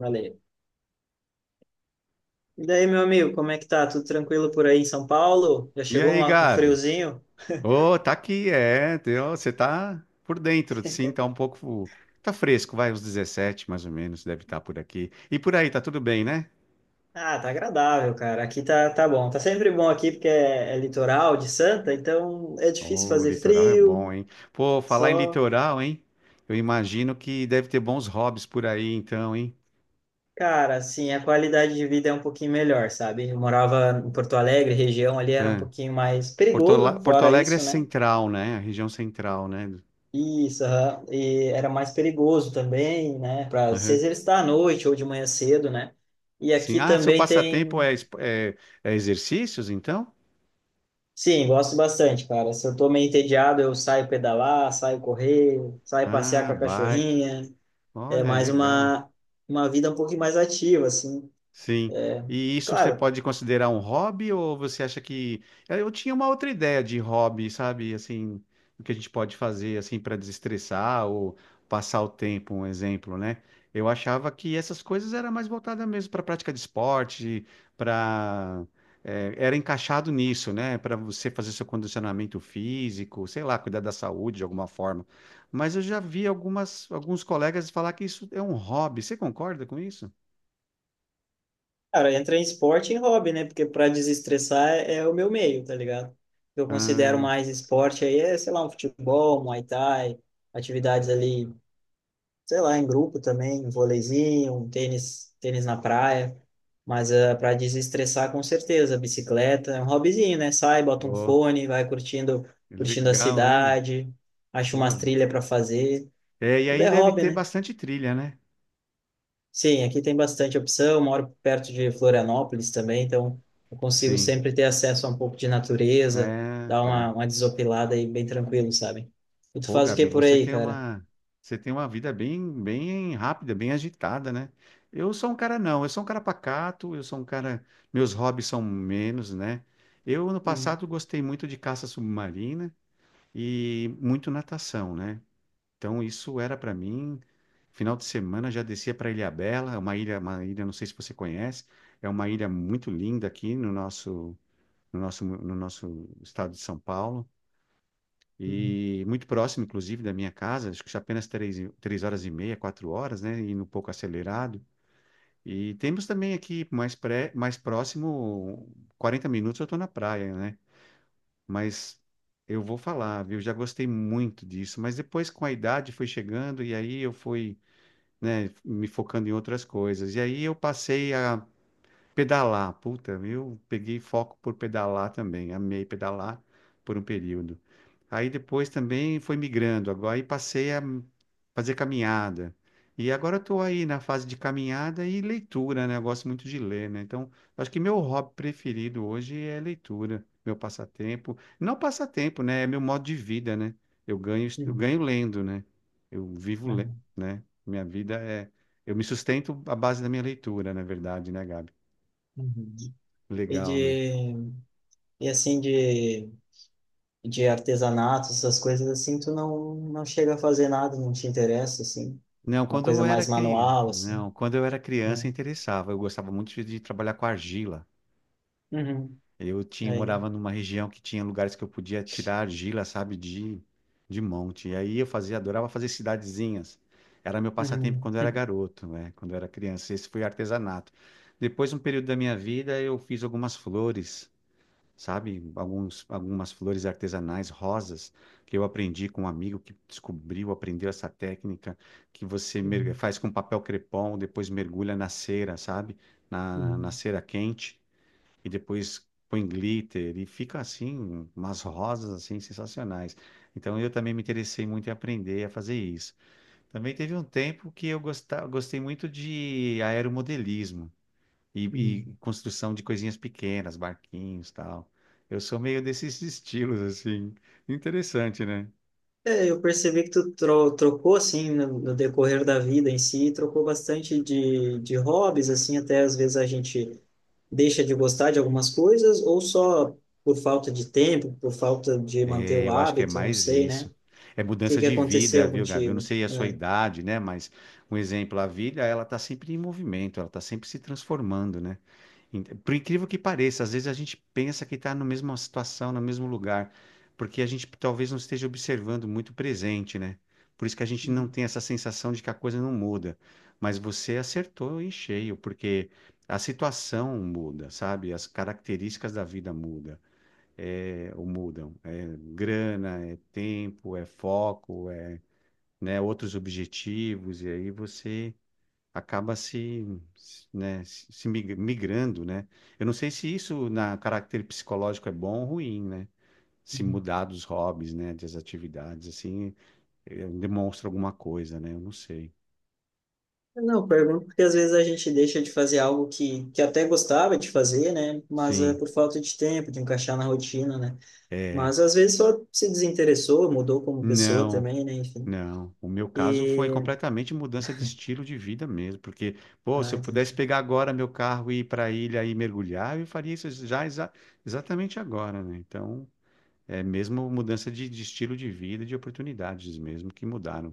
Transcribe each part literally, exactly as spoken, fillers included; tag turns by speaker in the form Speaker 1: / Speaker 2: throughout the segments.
Speaker 1: Valeu. E daí, meu amigo, como é que tá? Tudo tranquilo por aí em São Paulo? Já
Speaker 2: E
Speaker 1: chegou
Speaker 2: aí,
Speaker 1: uma- um
Speaker 2: Gabi?
Speaker 1: friozinho?
Speaker 2: Ô, tá aqui, é. teu- Você tá por dentro, sim, tá um pouco. Tá fresco, vai, uns dezessete, mais ou menos, deve estar por aqui. E por aí, tá tudo bem, né?
Speaker 1: Ah, tá agradável, cara. Aqui tá, tá bom. Tá sempre bom aqui porque é, é litoral de Santa, então é difícil
Speaker 2: Ô, o
Speaker 1: fazer
Speaker 2: litoral é bom,
Speaker 1: frio.
Speaker 2: hein? Pô, falar em
Speaker 1: Só,
Speaker 2: litoral, hein? Eu imagino que deve ter bons hobbies por aí, então, hein?
Speaker 1: cara, assim, a qualidade de vida é um pouquinho melhor, sabe? Eu morava em Porto Alegre, região ali era um
Speaker 2: Hã?
Speaker 1: pouquinho mais
Speaker 2: Porto,
Speaker 1: perigoso,
Speaker 2: Ala- Porto
Speaker 1: fora
Speaker 2: Alegre é
Speaker 1: isso, né?
Speaker 2: central, né? A região central, né?
Speaker 1: Isso, aham. E era mais perigoso também, né? Para se
Speaker 2: Aham.
Speaker 1: exercitar à noite ou de manhã cedo, né? E
Speaker 2: Sim.
Speaker 1: aqui
Speaker 2: Ah, seu
Speaker 1: também
Speaker 2: passatempo
Speaker 1: tem.
Speaker 2: é, espo- é, é exercícios, então?
Speaker 1: Sim, gosto bastante, cara. Se eu tô meio entediado, eu saio pedalar, saio correr, saio passear
Speaker 2: Ah,
Speaker 1: com a
Speaker 2: bike.
Speaker 1: cachorrinha. É
Speaker 2: Olha,
Speaker 1: mais
Speaker 2: legal.
Speaker 1: uma, uma vida um pouquinho mais ativa, assim.
Speaker 2: Sim.
Speaker 1: É,
Speaker 2: E isso você
Speaker 1: claro,
Speaker 2: pode considerar um hobby ou você acha que eh, eu tinha uma outra ideia de hobby, sabe? Assim, o que a gente pode fazer assim para desestressar ou passar o tempo, um exemplo, né? Eu achava que essas coisas era mais voltada mesmo para prática de esporte, para era encaixado nisso, né? Para você fazer seu condicionamento físico, sei lá, cuidar da saúde de alguma forma. Mas eu já vi algumas alguns colegas falar que isso é um hobby. Você concorda com isso?
Speaker 1: cara, entra em esporte e em hobby, né? Porque para desestressar é, é o meu meio, tá ligado? Eu considero mais esporte aí, é, sei lá, um futebol, um Muay Thai, atividades ali sei lá, em grupo também, um vôleizinho, um tênis, tênis na praia. Mas uh, para desestressar, com certeza, bicicleta é um hobbyzinho, né? Sai, bota um
Speaker 2: Pô,
Speaker 1: fone, vai curtindo, curtindo a
Speaker 2: legal, hein?
Speaker 1: cidade, acha
Speaker 2: Pô.
Speaker 1: umas trilhas para fazer.
Speaker 2: É, e
Speaker 1: Tudo
Speaker 2: aí
Speaker 1: é
Speaker 2: deve
Speaker 1: hobby,
Speaker 2: ter
Speaker 1: né?
Speaker 2: bastante trilha, né?
Speaker 1: Sim, aqui tem bastante opção. Moro perto de Florianópolis também, então eu consigo
Speaker 2: Sim.
Speaker 1: sempre ter acesso a um pouco de natureza,
Speaker 2: É,
Speaker 1: dar
Speaker 2: tá.
Speaker 1: uma, uma desopilada aí bem tranquilo, sabe? E tu
Speaker 2: Pô,
Speaker 1: faz o que
Speaker 2: Gabi,
Speaker 1: por
Speaker 2: você
Speaker 1: aí,
Speaker 2: tem
Speaker 1: cara?
Speaker 2: uma, você tem uma vida bem, bem rápida, bem agitada, né? Eu sou um cara não, eu sou um cara pacato, eu sou um cara, meus hobbies são menos, né? Eu no
Speaker 1: Uhum,
Speaker 2: passado gostei muito de caça submarina e muito natação, né? Então isso era para mim. Final de semana já descia para Ilhabela, é uma ilha, uma ilha, não sei se você conhece, é uma ilha muito linda aqui no nosso, no nosso, no nosso estado de São Paulo
Speaker 1: uhum,
Speaker 2: e muito próximo, inclusive, da minha casa. Acho que apenas três, e- três horas e meia, quatro horas, né? Indo um pouco acelerado. E temos também aqui mais pré, mais próximo, quarenta minutos eu estou na praia, né? Mas eu vou falar, viu? Já gostei muito disso, mas depois com a idade foi chegando e aí eu fui né, me focando em outras coisas. E aí eu passei a pedalar. Puta, eu peguei foco por pedalar também, amei pedalar por um período. Aí depois também foi migrando, agora aí passei a fazer caminhada. E agora eu tô aí na fase de caminhada e leitura, né? Eu gosto muito de ler, né? Então, acho que meu hobby preferido hoje é leitura, meu passatempo. Não passatempo, né? É meu modo de vida, né? Eu ganho, eu
Speaker 1: uhum,
Speaker 2: ganho lendo, né? Eu vivo, le-
Speaker 1: uhum,
Speaker 2: né? Minha vida é. Eu me sustento à base da minha leitura, na verdade, né, Gabi?
Speaker 1: uhum. e
Speaker 2: Legal, né?
Speaker 1: de e assim de de artesanato, essas coisas assim, tu não não chega a fazer nada, não te interessa assim,
Speaker 2: Não,
Speaker 1: uma
Speaker 2: quando
Speaker 1: coisa
Speaker 2: eu era
Speaker 1: mais
Speaker 2: cri...
Speaker 1: manual assim,
Speaker 2: não, quando eu era criança
Speaker 1: não.
Speaker 2: interessava. Eu gostava muito de de trabalhar com argila.
Speaker 1: Uhum.
Speaker 2: Eu tinha
Speaker 1: Aí.
Speaker 2: morava numa região que tinha lugares que eu podia tirar argila, sabe, de de monte. E aí eu fazia, adorava fazer cidadezinhas. Era meu passatempo
Speaker 1: Uhum.
Speaker 2: quando eu era garoto, né? Quando eu era criança. Esse foi artesanato. Depois, um período da minha vida, eu fiz algumas flores. Sabe? Alguns, algumas flores artesanais, rosas, que eu aprendi com um amigo que descobriu, aprendeu essa técnica, que você mer-
Speaker 1: Uhum.
Speaker 2: faz com papel crepom, depois mergulha na cera, sabe? Na, na
Speaker 1: Uhum.
Speaker 2: cera quente, e depois põe glitter, e fica assim, umas rosas assim sensacionais. Então eu também me interessei muito em aprender a fazer isso. Também teve um tempo que eu gosta- gostei muito de aeromodelismo. E,
Speaker 1: Uhum.
Speaker 2: e construção de coisinhas pequenas, barquinhos, tal. Eu sou meio desses estilos, assim. Interessante, né?
Speaker 1: É, eu percebi que tu tro trocou assim no, no decorrer da vida em si, trocou bastante de de hobbies assim, até às vezes a gente deixa de gostar de algumas coisas ou só por falta de tempo, por falta de manter o
Speaker 2: Eu acho que é
Speaker 1: hábito, não
Speaker 2: mais
Speaker 1: sei,
Speaker 2: isso.
Speaker 1: né?
Speaker 2: É
Speaker 1: que
Speaker 2: mudança
Speaker 1: que
Speaker 2: de vida,
Speaker 1: aconteceu
Speaker 2: viu, Gabi? Eu não
Speaker 1: contigo?
Speaker 2: sei a sua
Speaker 1: É.
Speaker 2: idade, né? Mas um exemplo, a vida, ela tá sempre em movimento, ela tá sempre se transformando, né? In- Por incrível que pareça, às vezes a gente pensa que está na mesma situação, no mesmo lugar, porque a gente talvez não esteja observando muito o presente, né? Por isso que a gente não
Speaker 1: Uhum,
Speaker 2: tem essa sensação de que a coisa não muda. Mas você acertou em cheio, porque a situação muda, sabe? As características da vida mudam é, ou mudam. É grana, é tempo, é foco, é, né, outros objetivos, e aí você acaba se, se, né, se se mig- migrando, né? Eu não sei se isso na caráter psicológico é bom ou ruim, né? Se
Speaker 1: uhum.
Speaker 2: mudar dos hobbies, né, das atividades, assim, eh, demonstra alguma coisa, né? Eu não sei.
Speaker 1: Não, pergunto porque às vezes a gente deixa de fazer algo que, que até gostava de fazer, né? Mas é
Speaker 2: Sim,
Speaker 1: por falta de tempo, de encaixar na rotina, né?
Speaker 2: é.
Speaker 1: Mas às vezes só se desinteressou, mudou como pessoa
Speaker 2: Não.
Speaker 1: também, né? Enfim.
Speaker 2: Não, o meu caso foi completamente mudança de estilo de vida mesmo, porque, pô, se
Speaker 1: Ah,
Speaker 2: eu
Speaker 1: entendi.
Speaker 2: pudesse pegar agora meu carro e ir para a ilha e mergulhar, eu faria isso já exa- exatamente agora, né? Então, é mesmo mudança de, de estilo de vida, de oportunidades mesmo que mudaram.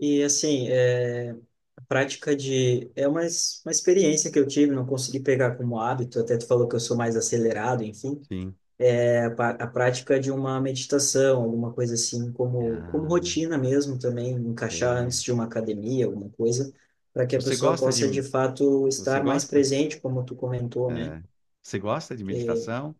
Speaker 1: E assim, é, a prática de. É uma, es- uma experiência que eu tive, não consegui pegar como hábito, até tu falou que eu sou mais acelerado, enfim.
Speaker 2: Sim.
Speaker 1: É, a, pa- a prática de uma meditação, alguma coisa assim, como, como
Speaker 2: Ah,
Speaker 1: rotina mesmo também, encaixar
Speaker 2: é.
Speaker 1: antes de uma academia, alguma coisa, para que a
Speaker 2: Você
Speaker 1: pessoa
Speaker 2: gosta de,
Speaker 1: possa de fato
Speaker 2: você
Speaker 1: estar mais
Speaker 2: gosta?
Speaker 1: presente, como tu comentou, né?
Speaker 2: É. Você gosta de meditação?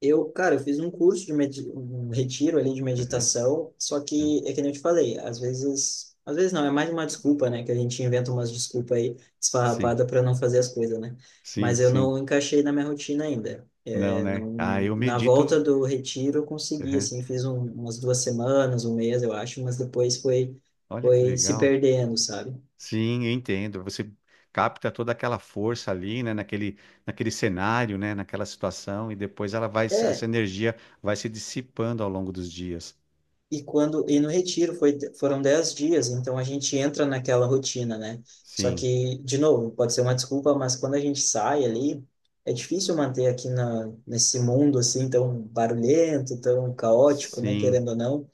Speaker 1: Eu, cara, eu fiz um curso de medi- um retiro ali de
Speaker 2: Aham,
Speaker 1: meditação, só
Speaker 2: aham.
Speaker 1: que é que nem eu te falei, às vezes, às vezes não, é mais uma desculpa, né, que a gente inventa umas desculpas aí
Speaker 2: Sim,
Speaker 1: esfarrapada para não fazer as coisas, né?
Speaker 2: sim,
Speaker 1: Mas eu
Speaker 2: sim.
Speaker 1: não encaixei na minha rotina ainda.
Speaker 2: Não,
Speaker 1: É,
Speaker 2: né? Ah,
Speaker 1: não,
Speaker 2: eu
Speaker 1: na
Speaker 2: medito.
Speaker 1: volta do retiro eu consegui,
Speaker 2: Aham.
Speaker 1: assim, fiz um, umas duas semanas, um mês, eu acho, mas depois foi
Speaker 2: Olha que
Speaker 1: foi se
Speaker 2: legal.
Speaker 1: perdendo, sabe?
Speaker 2: Sim, eu entendo. Você capta toda aquela força ali, né, naquele, naquele cenário, né, naquela situação, e depois ela vai, se- essa
Speaker 1: É,
Speaker 2: energia vai se dissipando ao longo dos dias.
Speaker 1: e quando e no retiro foi, foram dez dias, então a gente entra naquela rotina, né? Só
Speaker 2: Sim,
Speaker 1: que, de novo, pode ser uma desculpa, mas quando a gente sai ali, é difícil manter aqui na, nesse mundo assim tão barulhento, tão caótico, né?
Speaker 2: sim,
Speaker 1: Querendo ou não.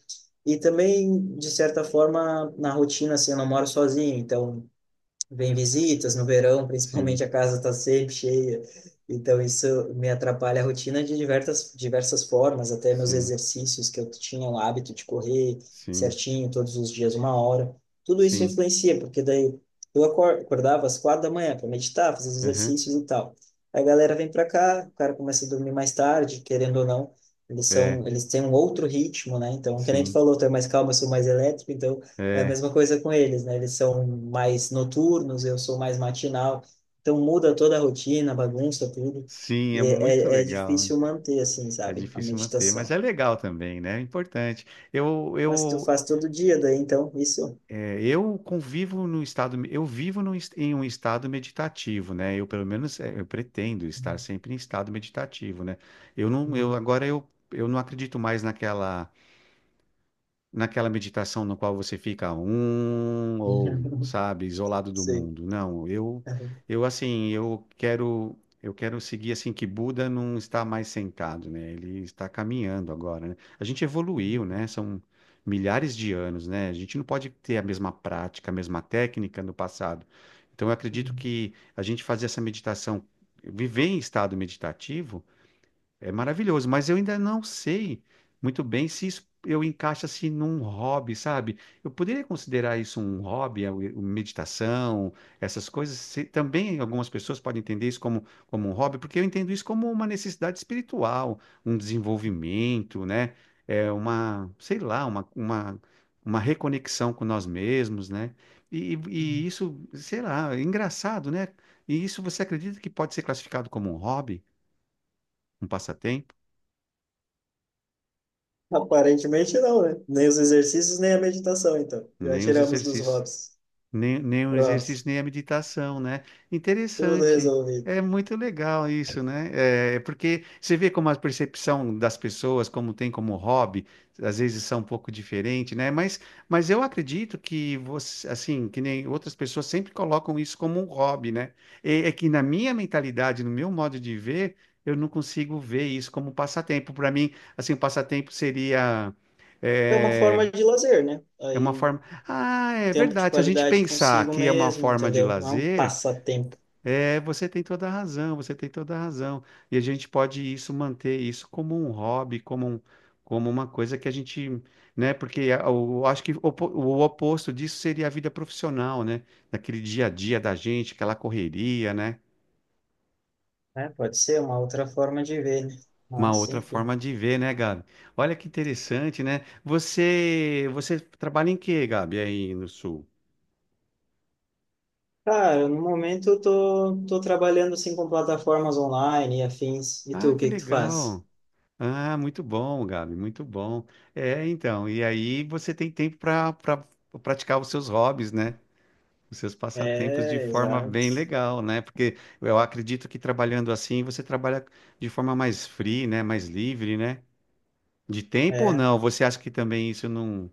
Speaker 1: E também, de certa forma, na rotina, assim, eu não moro sozinho, então vem visitas no verão,
Speaker 2: sim,
Speaker 1: principalmente a casa está sempre cheia. Então isso me atrapalha a rotina de diversas diversas formas, até meus
Speaker 2: sim,
Speaker 1: exercícios que eu tinha o hábito de correr
Speaker 2: sim,
Speaker 1: certinho todos os dias uma hora. Tudo isso
Speaker 2: sim.
Speaker 1: influencia, porque daí eu acor- acordava às quatro da manhã para meditar, fazer os
Speaker 2: Aham.
Speaker 1: exercícios e tal. Aí a galera vem para cá, o cara começa a dormir mais tarde, querendo ou não. Eles
Speaker 2: É,
Speaker 1: são, eles têm um outro ritmo, né? Então, que nem tu
Speaker 2: sim,
Speaker 1: falou, tu é mais calmo, eu sou mais elétrico, então é a
Speaker 2: é,
Speaker 1: mesma coisa com eles, né? Eles são mais noturnos, eu sou mais matinal. Então muda toda a rotina, bagunça, tudo.
Speaker 2: sim, é
Speaker 1: E
Speaker 2: muito
Speaker 1: é, é, é
Speaker 2: legal.
Speaker 1: difícil manter, assim,
Speaker 2: É
Speaker 1: sabe? A
Speaker 2: difícil manter, mas é
Speaker 1: meditação.
Speaker 2: legal também, né? É importante. Eu,
Speaker 1: Mas tu
Speaker 2: eu
Speaker 1: faz todo dia, daí então, isso.
Speaker 2: É, eu convivo no estado, eu vivo num es- em um estado meditativo, né? Eu pelo menos é, eu pretendo estar sempre em estado meditativo, né? Eu não, eu agora eu, eu não acredito mais naquela naquela meditação no qual você fica um ou, sabe, isolado do
Speaker 1: Sim.
Speaker 2: mundo. Não, eu eu assim, eu quero eu quero seguir assim que Buda não está mais sentado, né? Ele está caminhando agora, né? A gente evoluiu, né? São milhares de anos, né? A gente não pode ter a mesma prática, a mesma técnica no passado. Então eu acredito que a gente fazer essa meditação, viver em estado meditativo é maravilhoso, mas eu ainda não sei muito bem se isso eu encaixo assim num hobby, sabe? Eu poderia considerar isso um hobby, a- o- meditação, essas coisas. Se- Também algumas pessoas podem entender isso como, como um hobby, porque eu entendo isso como uma necessidade espiritual, um desenvolvimento, né? É uma, sei lá, uma, uma, uma reconexão com nós mesmos, né? E, e isso, sei lá, é engraçado, né? E isso você acredita que pode ser classificado como um hobby, um passatempo?
Speaker 1: Aparentemente não, né? Nem os exercícios, nem a meditação, então. Já
Speaker 2: Nem os
Speaker 1: tiramos dos
Speaker 2: exercícios,
Speaker 1: hobbies.
Speaker 2: nem, nem o
Speaker 1: Pronto.
Speaker 2: exercício, nem a meditação, né?
Speaker 1: Tudo
Speaker 2: Interessante.
Speaker 1: resolvido.
Speaker 2: É muito legal isso, né? É porque você vê como a percepção das pessoas, como tem como hobby, às vezes são um pouco diferente, né? Mas, mas eu acredito que você, assim, que nem outras pessoas sempre colocam isso como um hobby, né? E- é que na minha mentalidade, no meu modo de ver, eu não consigo ver isso como passatempo. Para mim, assim, o passatempo seria
Speaker 1: É uma
Speaker 2: eh,
Speaker 1: forma de lazer, né?
Speaker 2: é uma
Speaker 1: Aí
Speaker 2: forma. Ah, é
Speaker 1: tempo de
Speaker 2: verdade. Se a gente
Speaker 1: qualidade
Speaker 2: pensar
Speaker 1: consigo
Speaker 2: que é uma
Speaker 1: mesmo,
Speaker 2: forma de
Speaker 1: entendeu? Não é um
Speaker 2: lazer,
Speaker 1: passatempo,
Speaker 2: é, você tem toda a razão, você tem toda a razão. E a gente pode isso manter isso como um hobby, como um, como uma coisa que a gente, né? Porque eu acho que o, opo- o oposto disso seria a vida profissional, né? Daquele dia a dia da gente, aquela correria, né?
Speaker 1: né? Pode ser uma outra forma de ver, né?
Speaker 2: Uma
Speaker 1: Mas,
Speaker 2: outra
Speaker 1: enfim.
Speaker 2: forma de ver, né, Gabi? Olha que interessante, né? Você, você trabalha em quê, Gabi, aí no Sul?
Speaker 1: Cara, no momento eu tô, tô trabalhando assim com plataformas online e afins. E tu,
Speaker 2: Ah,
Speaker 1: o
Speaker 2: que
Speaker 1: que que tu faz?
Speaker 2: legal. Ah, muito bom, Gabi, muito bom. É, então, e aí você tem tempo para pra, pra praticar os seus hobbies, né? Os seus passatempos de
Speaker 1: É,
Speaker 2: forma
Speaker 1: exato.
Speaker 2: bem legal, né? Porque eu acredito que trabalhando assim você trabalha de forma mais free, né? Mais livre, né? De tempo ou
Speaker 1: É.
Speaker 2: não? Você acha que também isso não,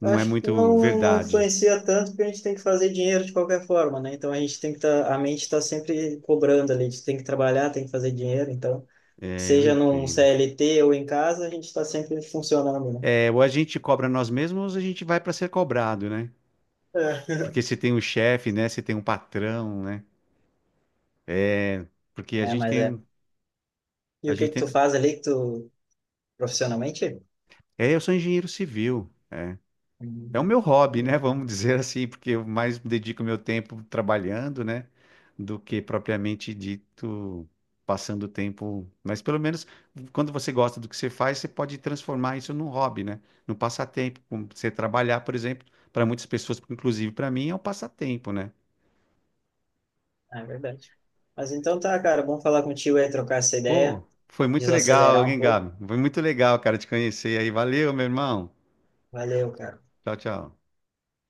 Speaker 2: não é
Speaker 1: Acho que
Speaker 2: muito
Speaker 1: não, não
Speaker 2: verdade?
Speaker 1: influencia tanto porque a gente tem que fazer dinheiro de qualquer forma, né? Então a gente tem que tá, a mente está sempre cobrando ali, a gente tem que trabalhar, tem que fazer dinheiro, então,
Speaker 2: É, eu
Speaker 1: seja num
Speaker 2: entendo.
Speaker 1: C L T ou em casa, a gente está sempre funcionando,
Speaker 2: É, ou a gente cobra nós mesmos, ou a gente vai para ser cobrado, né?
Speaker 1: né?
Speaker 2: Porque se tem um chefe, né? Se tem um patrão, né? Porque a
Speaker 1: É,
Speaker 2: gente
Speaker 1: mas é.
Speaker 2: tem,
Speaker 1: E
Speaker 2: a
Speaker 1: o que
Speaker 2: gente
Speaker 1: que tu
Speaker 2: tem.
Speaker 1: faz ali que tu profissionalmente?
Speaker 2: É, eu sou engenheiro civil. É, é o
Speaker 1: Hum.
Speaker 2: meu hobby, né?
Speaker 1: Hum,
Speaker 2: Vamos dizer assim, porque eu mais dedico meu tempo trabalhando, né? Do que propriamente dito passando tempo. Mas pelo menos quando você gosta do que você faz, você pode transformar isso num hobby, né? Num passatempo. Como você trabalhar, por exemplo, para muitas pessoas, inclusive para mim, é um passatempo, né?
Speaker 1: é verdade. Mas então tá, cara, bom falar contigo aí, trocar essa
Speaker 2: Pô,
Speaker 1: ideia,
Speaker 2: foi muito legal,
Speaker 1: desacelerar um
Speaker 2: hein,
Speaker 1: pouco.
Speaker 2: Gabi? Foi muito legal, cara, te conhecer aí. Valeu, meu irmão.
Speaker 1: Valeu, cara.
Speaker 2: Tchau, tchau.